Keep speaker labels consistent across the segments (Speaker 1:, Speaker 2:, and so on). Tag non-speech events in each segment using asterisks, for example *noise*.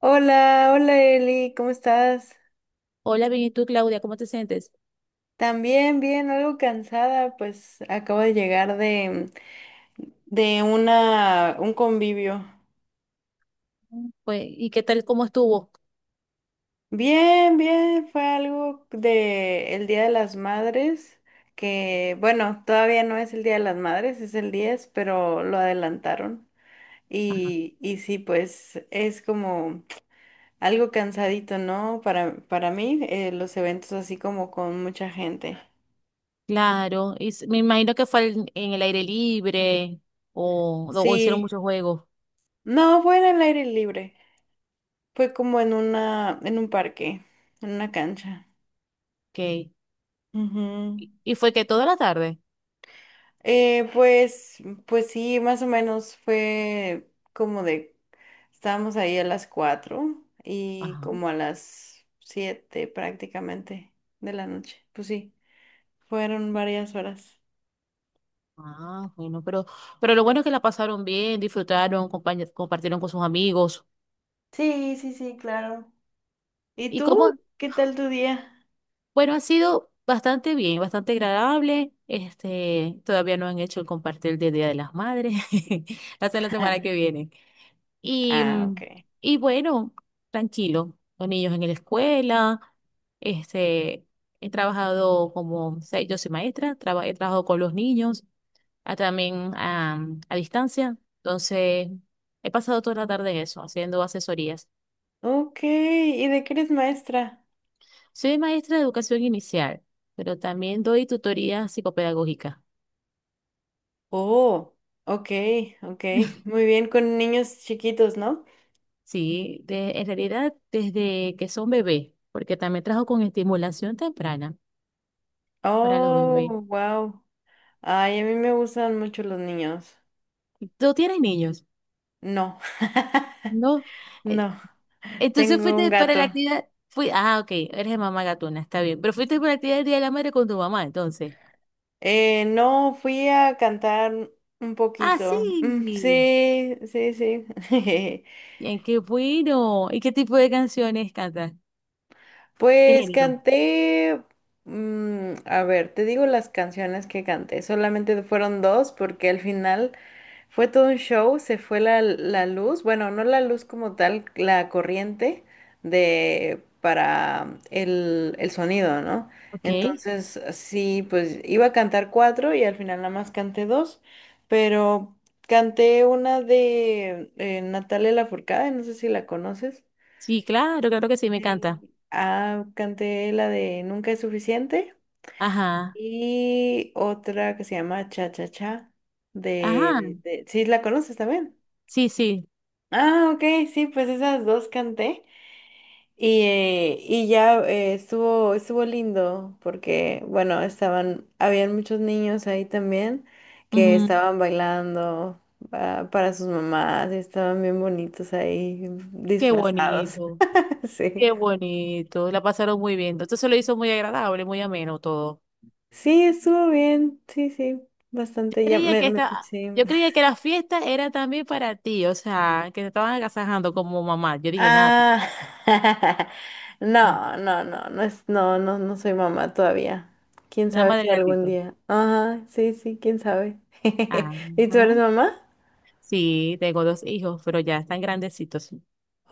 Speaker 1: Hola, hola Eli, ¿cómo estás?
Speaker 2: Hola, bien, ¿y tú, Claudia? ¿Cómo te sientes?
Speaker 1: También bien, algo cansada, pues acabo de llegar de un convivio.
Speaker 2: Pues, ¿y qué tal, cómo estuvo?
Speaker 1: Bien, bien, fue algo de el Día de las Madres, que bueno, todavía no es el Día de las Madres, es el 10, pero lo adelantaron. Y sí, pues es como algo cansadito, ¿no? Para mí, los eventos así como con mucha gente.
Speaker 2: Claro, me imagino que fue en el aire libre o hicieron
Speaker 1: Sí.
Speaker 2: muchos juegos.
Speaker 1: No, fue en el aire libre. Fue como en un parque, en una cancha.
Speaker 2: Okay.
Speaker 1: Ujú.
Speaker 2: Y fue que toda la tarde.
Speaker 1: Eh, pues, pues sí, más o menos, estábamos ahí a las 4:00 y
Speaker 2: Ajá.
Speaker 1: como a las 7:00 prácticamente de la noche. Pues sí, fueron varias horas.
Speaker 2: Ah, bueno, pero lo bueno es que la pasaron bien, disfrutaron, compartieron con sus amigos.
Speaker 1: Sí, sí, sí, claro. ¿Y
Speaker 2: ¿Y
Speaker 1: tú?
Speaker 2: cómo?
Speaker 1: ¿Qué tal tu día?
Speaker 2: Bueno, ha sido bastante bien, bastante agradable. Este, todavía no han hecho el compartir del Día de las Madres. *laughs* Hasta la semana que
Speaker 1: *laughs*
Speaker 2: viene. Y,
Speaker 1: Ah, ok.
Speaker 2: mm, y bueno, tranquilo, con niños en la escuela, este, he trabajado como, o sea, yo soy maestra, he trabajado con los niños, también a, distancia, entonces he pasado toda la tarde en eso, haciendo asesorías.
Speaker 1: Ok, ¿y de qué eres maestra?
Speaker 2: Soy maestra de educación inicial, pero también doy tutoría psicopedagógica,
Speaker 1: Oh, ok, ok. Muy bien, con niños chiquitos, ¿no?
Speaker 2: sí, de, en realidad desde que son bebés, porque también trabajo con estimulación temprana para los bebés.
Speaker 1: Oh, wow. Ay, a mí me gustan mucho los niños.
Speaker 2: ¿Tú tienes niños?
Speaker 1: No, *laughs*
Speaker 2: No. Eh,
Speaker 1: no,
Speaker 2: entonces
Speaker 1: tengo un
Speaker 2: fuiste para la
Speaker 1: gato.
Speaker 2: actividad. Fui, ah, ok, eres de mamá gatuna, está bien. Pero fuiste para la actividad del Día de la Madre con tu mamá, entonces.
Speaker 1: No, fui a cantar un
Speaker 2: Ah, sí.
Speaker 1: poquito. Mm, sí, sí, sí. *laughs*
Speaker 2: Bien, qué bueno. ¿Y qué tipo de canciones cantas? ¿Qué
Speaker 1: Pues
Speaker 2: género?
Speaker 1: canté... mm, a ver, te digo las canciones que canté. Solamente fueron dos porque al final... Fue todo un show, se fue la luz, bueno, no la luz como tal, la corriente de para el sonido, ¿no?
Speaker 2: Ok.
Speaker 1: Entonces, sí, pues iba a cantar cuatro y al final nada más canté dos, pero canté una de Natalia Lafourcade, no sé si la conoces.
Speaker 2: Sí, claro, claro que sí, me encanta.
Speaker 1: Sí. Ah, canté la de Nunca es suficiente
Speaker 2: Ajá.
Speaker 1: y otra que se llama Cha Cha Cha
Speaker 2: Ajá.
Speaker 1: de... ¿Sí la conoces también?
Speaker 2: Sí, sí.
Speaker 1: Ah, ok, sí, pues esas dos canté y, y ya estuvo lindo porque, bueno, estaban, habían muchos niños ahí también que
Speaker 2: Ujú.
Speaker 1: estaban bailando para sus mamás y estaban bien bonitos ahí
Speaker 2: Qué
Speaker 1: disfrazados.
Speaker 2: bonito.
Speaker 1: *laughs* Sí,
Speaker 2: Qué bonito. La pasaron muy bien. Entonces se lo hizo muy agradable, muy ameno todo.
Speaker 1: sí, estuvo bien, sí, sí, bastante, ya
Speaker 2: Creía que esta,
Speaker 1: sí.
Speaker 2: yo creía que la fiesta era también para ti, o sea, que te estaban agasajando como mamá. Yo dije, nada,
Speaker 1: Ah, *laughs*
Speaker 2: mm,
Speaker 1: no, no, no, no es, no, no, no soy mamá todavía. Quién
Speaker 2: nada
Speaker 1: sabe
Speaker 2: más
Speaker 1: si
Speaker 2: del
Speaker 1: algún
Speaker 2: gatito.
Speaker 1: día. Ajá, sí, sí, quién sabe. *laughs* ¿Y tú eres
Speaker 2: Ajá.
Speaker 1: mamá?
Speaker 2: Sí, tengo dos hijos, pero ya están grandecitos.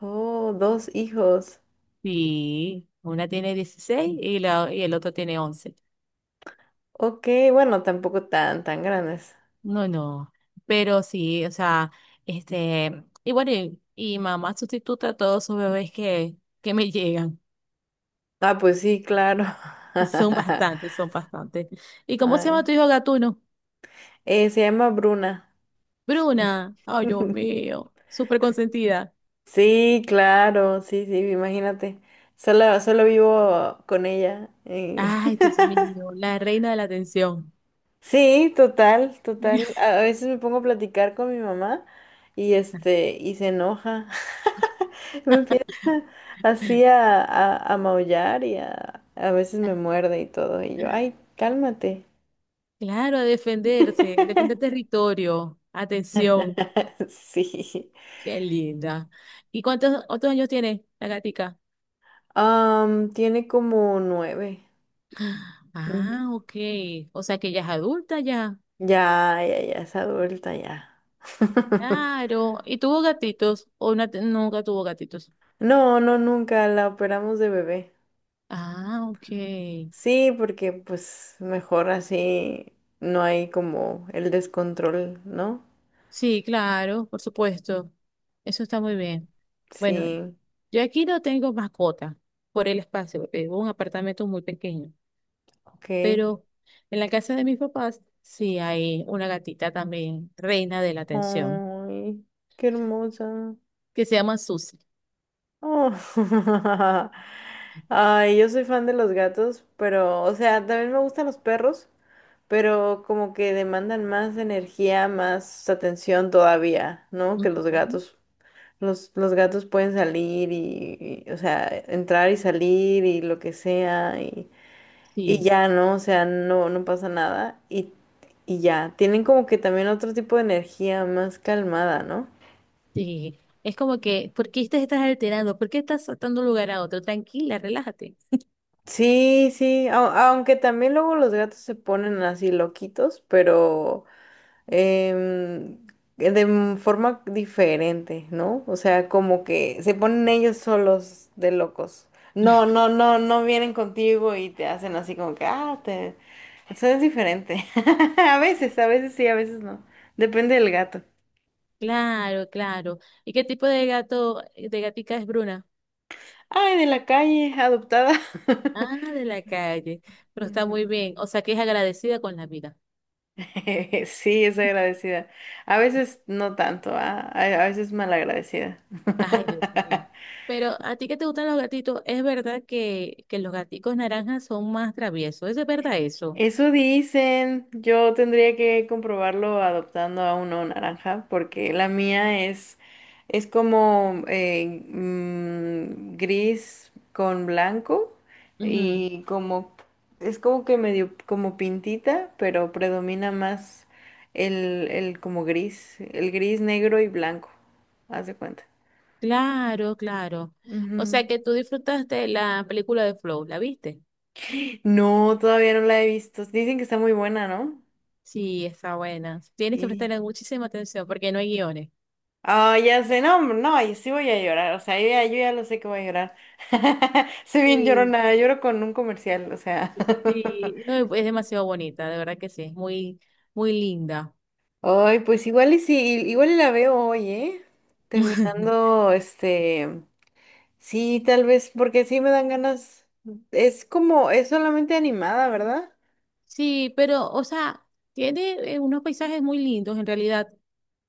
Speaker 1: Oh, dos hijos.
Speaker 2: Sí, una tiene 16 y el otro tiene 11.
Speaker 1: Ok, bueno, tampoco tan, tan grandes.
Speaker 2: No, no, pero sí, o sea, este, y bueno, y mamá sustituta a todos sus bebés que me llegan.
Speaker 1: Ah, pues sí, claro.
Speaker 2: Son
Speaker 1: *laughs*
Speaker 2: bastantes, son bastantes. ¿Y cómo se llama
Speaker 1: Ay.
Speaker 2: tu hijo Gatuno?
Speaker 1: Se llama Bruna.
Speaker 2: Bruna, ay, Dios
Speaker 1: *laughs*
Speaker 2: mío, súper consentida.
Speaker 1: Sí, claro, sí, sí, imagínate. Solo, solo vivo con ella.
Speaker 2: Ay, Dios mío, la reina de la atención.
Speaker 1: Sí, total, total. A veces me pongo a platicar con mi mamá y
Speaker 2: *laughs*
Speaker 1: este, y se enoja, *laughs* así a maullar y a veces me muerde y todo. Y yo, ay, cálmate.
Speaker 2: Claro, a defenderse, defender territorio, atención,
Speaker 1: *laughs* Sí.
Speaker 2: qué linda. ¿Y cuántos otros años tiene la gatica?
Speaker 1: Am, tiene como 9. Ujú.
Speaker 2: Ah, ok, o sea que ya es adulta ya,
Speaker 1: Ya, ya, ya, es adulta ya. *laughs*
Speaker 2: claro. ¿Y tuvo gatitos o no nunca tuvo gatitos?
Speaker 1: No, no, nunca la operamos de bebé.
Speaker 2: Ah, ok.
Speaker 1: Sí, porque pues mejor así no hay como el descontrol, ¿no?
Speaker 2: Sí, claro, por supuesto. Eso está muy bien. Bueno,
Speaker 1: Sí,
Speaker 2: yo aquí no tengo mascota por el espacio, porque vivo en un apartamento muy pequeño,
Speaker 1: ok.
Speaker 2: pero en la casa de mis papás sí hay una gatita también, reina de la atención,
Speaker 1: Ay, qué hermosa.
Speaker 2: que se llama Susi.
Speaker 1: Oh. *laughs* Ay, yo soy fan de los gatos, pero, o sea, también me gustan los perros, pero como que demandan más energía, más atención todavía, ¿no? Que los
Speaker 2: Ujú.
Speaker 1: gatos. Los gatos pueden salir o sea, entrar y salir y lo que sea, y
Speaker 2: Sí,
Speaker 1: ya, ¿no? O sea, no, no pasa nada. Y ya, tienen como que también otro tipo de energía más calmada, ¿no?
Speaker 2: sí. Es como que, ¿por qué te estás alterando? ¿Por qué estás saltando de un lugar a otro? Tranquila, relájate.
Speaker 1: Sí, sí, aunque también luego los gatos se ponen así loquitos, pero em, de forma diferente, ¿no? O sea, como que se ponen ellos solos de locos. No, no, no, no vienen contigo y te hacen así como que, ah, te... Eso es diferente. *laughs* A veces sí, a veces no. Depende del gato.
Speaker 2: Claro, claro. ¿Y qué tipo de gato, de gatica es Bruna?
Speaker 1: Ay, de la calle, adoptada. *laughs*
Speaker 2: Ah, de la calle. Pero está
Speaker 1: Ujú.
Speaker 2: muy bien. O sea, que es agradecida con la vida.
Speaker 1: *laughs* Sí, es agradecida. A veces no tanto, ah, a veces malagradecida.
Speaker 2: Ay,
Speaker 1: *laughs*
Speaker 2: Dios mío. Pero a ti que te gustan los gatitos, es verdad que los gaticos naranjas son más traviesos. ¿Es de verdad eso?
Speaker 1: Eso dicen. Yo tendría que comprobarlo adoptando a uno naranja, porque la mía es como gris con blanco
Speaker 2: Ujú.
Speaker 1: y como es como que medio como pintita, pero predomina más el como gris, el gris, negro y blanco. Haz de cuenta.
Speaker 2: Claro, claro. O
Speaker 1: Ujú.
Speaker 2: sea, que tú disfrutaste la película de Flow. ¿La viste?
Speaker 1: No, todavía no la he visto. Dicen que está muy buena, ¿no?
Speaker 2: Sí, está buena. Tienes que prestarle
Speaker 1: Y
Speaker 2: muchísima atención porque no hay guiones.
Speaker 1: ah, ya sé, no, hombre, no, y sí voy a llorar, o sea, yo ya, yo ya lo sé que voy a llorar. *laughs* Soy bien
Speaker 2: Sí.
Speaker 1: llorona, lloro con un comercial, o sea. *laughs*
Speaker 2: Sí, no, es demasiado bonita, de verdad que sí. Es muy, muy linda.
Speaker 1: Ay, pues igual y sí, igual y la veo hoy, ¿eh?
Speaker 2: *laughs*
Speaker 1: Terminando, este, sí, tal vez, porque sí me dan ganas. Es como, es solamente animada, ¿verdad?
Speaker 2: Sí, pero, o sea, tiene unos paisajes muy lindos en realidad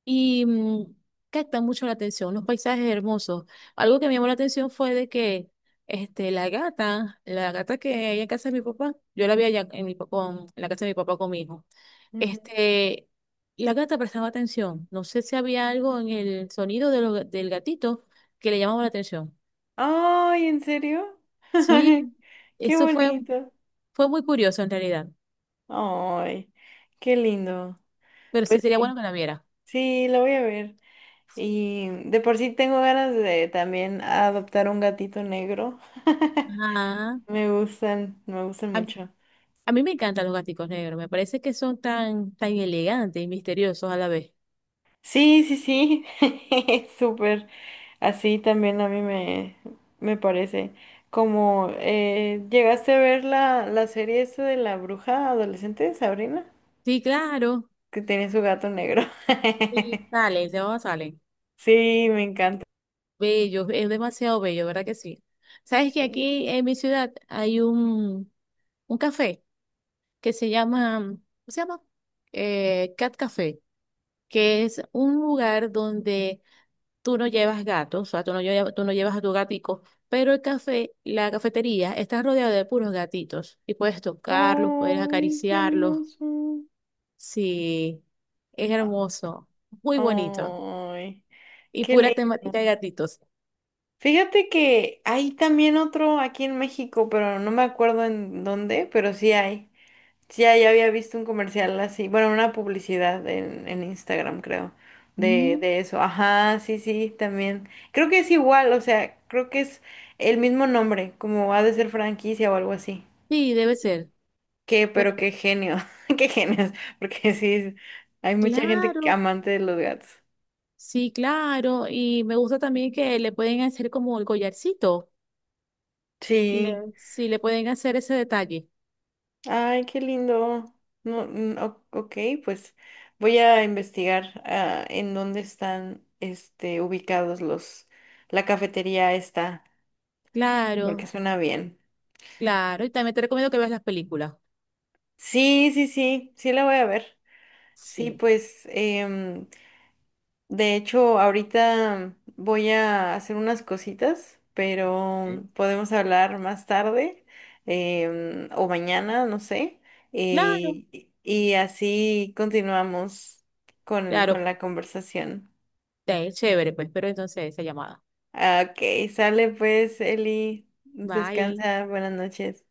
Speaker 2: y captan mucho la atención, unos paisajes hermosos. Algo que me llamó la atención fue de que este, la gata que hay en casa de mi papá, yo la vi allá en, en la casa de mi papá con mi hijo,
Speaker 1: Ujú.
Speaker 2: este, la gata prestaba atención. No sé si había algo en el sonido de del gatito que le llamaba la atención.
Speaker 1: Ay, ¿en serio? *laughs*
Speaker 2: Sí,
Speaker 1: Qué
Speaker 2: eso fue,
Speaker 1: bonito.
Speaker 2: fue muy curioso en realidad,
Speaker 1: Ay, qué lindo.
Speaker 2: pero sí
Speaker 1: Pues
Speaker 2: sería
Speaker 1: sí,
Speaker 2: bueno que la viera.
Speaker 1: sí, la voy a ver. Y de por sí tengo ganas de también adoptar un gatito negro. *laughs*
Speaker 2: Ajá.
Speaker 1: Me gustan mucho.
Speaker 2: A mí me encantan los gaticos negros, me parece que son tan, tan elegantes y misteriosos a la vez.
Speaker 1: Sí, sí, sí. *laughs* Súper. Así también a mí me, me parece. Como llegaste a ver la serie esta de la bruja adolescente, Sabrina,
Speaker 2: Sí, claro.
Speaker 1: que tiene su gato negro.
Speaker 2: Sí,
Speaker 1: *laughs*
Speaker 2: salen, se van, salen.
Speaker 1: Sí, me encanta.
Speaker 2: Bellos, es demasiado bello, ¿verdad que sí? Sabes que
Speaker 1: Sí.
Speaker 2: aquí en mi ciudad hay un café que se llama, se llama? Cat Café, que es un lugar donde tú no llevas gatos, o sea, tú no llevas a tu gatico, pero la cafetería está rodeada de puros gatitos y puedes tocarlos, puedes
Speaker 1: Ay, qué
Speaker 2: acariciarlos.
Speaker 1: hermoso.
Speaker 2: Sí, es hermoso, muy bonito
Speaker 1: Ay,
Speaker 2: y
Speaker 1: qué
Speaker 2: pura
Speaker 1: lindo.
Speaker 2: temática de gatitos.
Speaker 1: Fíjate que hay también otro aquí en México, pero no me acuerdo en dónde, pero sí hay. Sí hay, había visto un comercial así, bueno, una publicidad en Instagram, creo,
Speaker 2: Mm,
Speaker 1: de eso. Ajá, sí, sí, también. Creo que es igual, o sea, creo que es el mismo nombre, como ha de ser franquicia o algo así.
Speaker 2: sí, debe ser.
Speaker 1: Qué,
Speaker 2: Pero,
Speaker 1: pero qué genio, *laughs* qué genios, porque sí, hay mucha gente que-
Speaker 2: claro,
Speaker 1: amante de los gatos.
Speaker 2: sí, claro. Y me gusta también que le pueden hacer como el collarcito.
Speaker 1: Sí.
Speaker 2: Sí, le pueden hacer ese detalle.
Speaker 1: Ay, qué lindo. No, mm, o- ok, pues voy a investigar en dónde están este, ubicados los, la cafetería esta, porque
Speaker 2: Claro,
Speaker 1: suena bien.
Speaker 2: claro. Y también te recomiendo que veas las películas.
Speaker 1: Sí, sí, sí, sí la voy a ver. Sí,
Speaker 2: Sí,
Speaker 1: pues de hecho, ahorita voy a hacer unas cositas, pero podemos hablar más tarde o mañana, no sé.
Speaker 2: claro,
Speaker 1: Y así continuamos con
Speaker 2: claro.
Speaker 1: la conversación.
Speaker 2: Eh, chévere, pues. Pero entonces esa llamada.
Speaker 1: Ah, ok, sale pues, Eli.
Speaker 2: Bye.
Speaker 1: Descansa, buenas noches.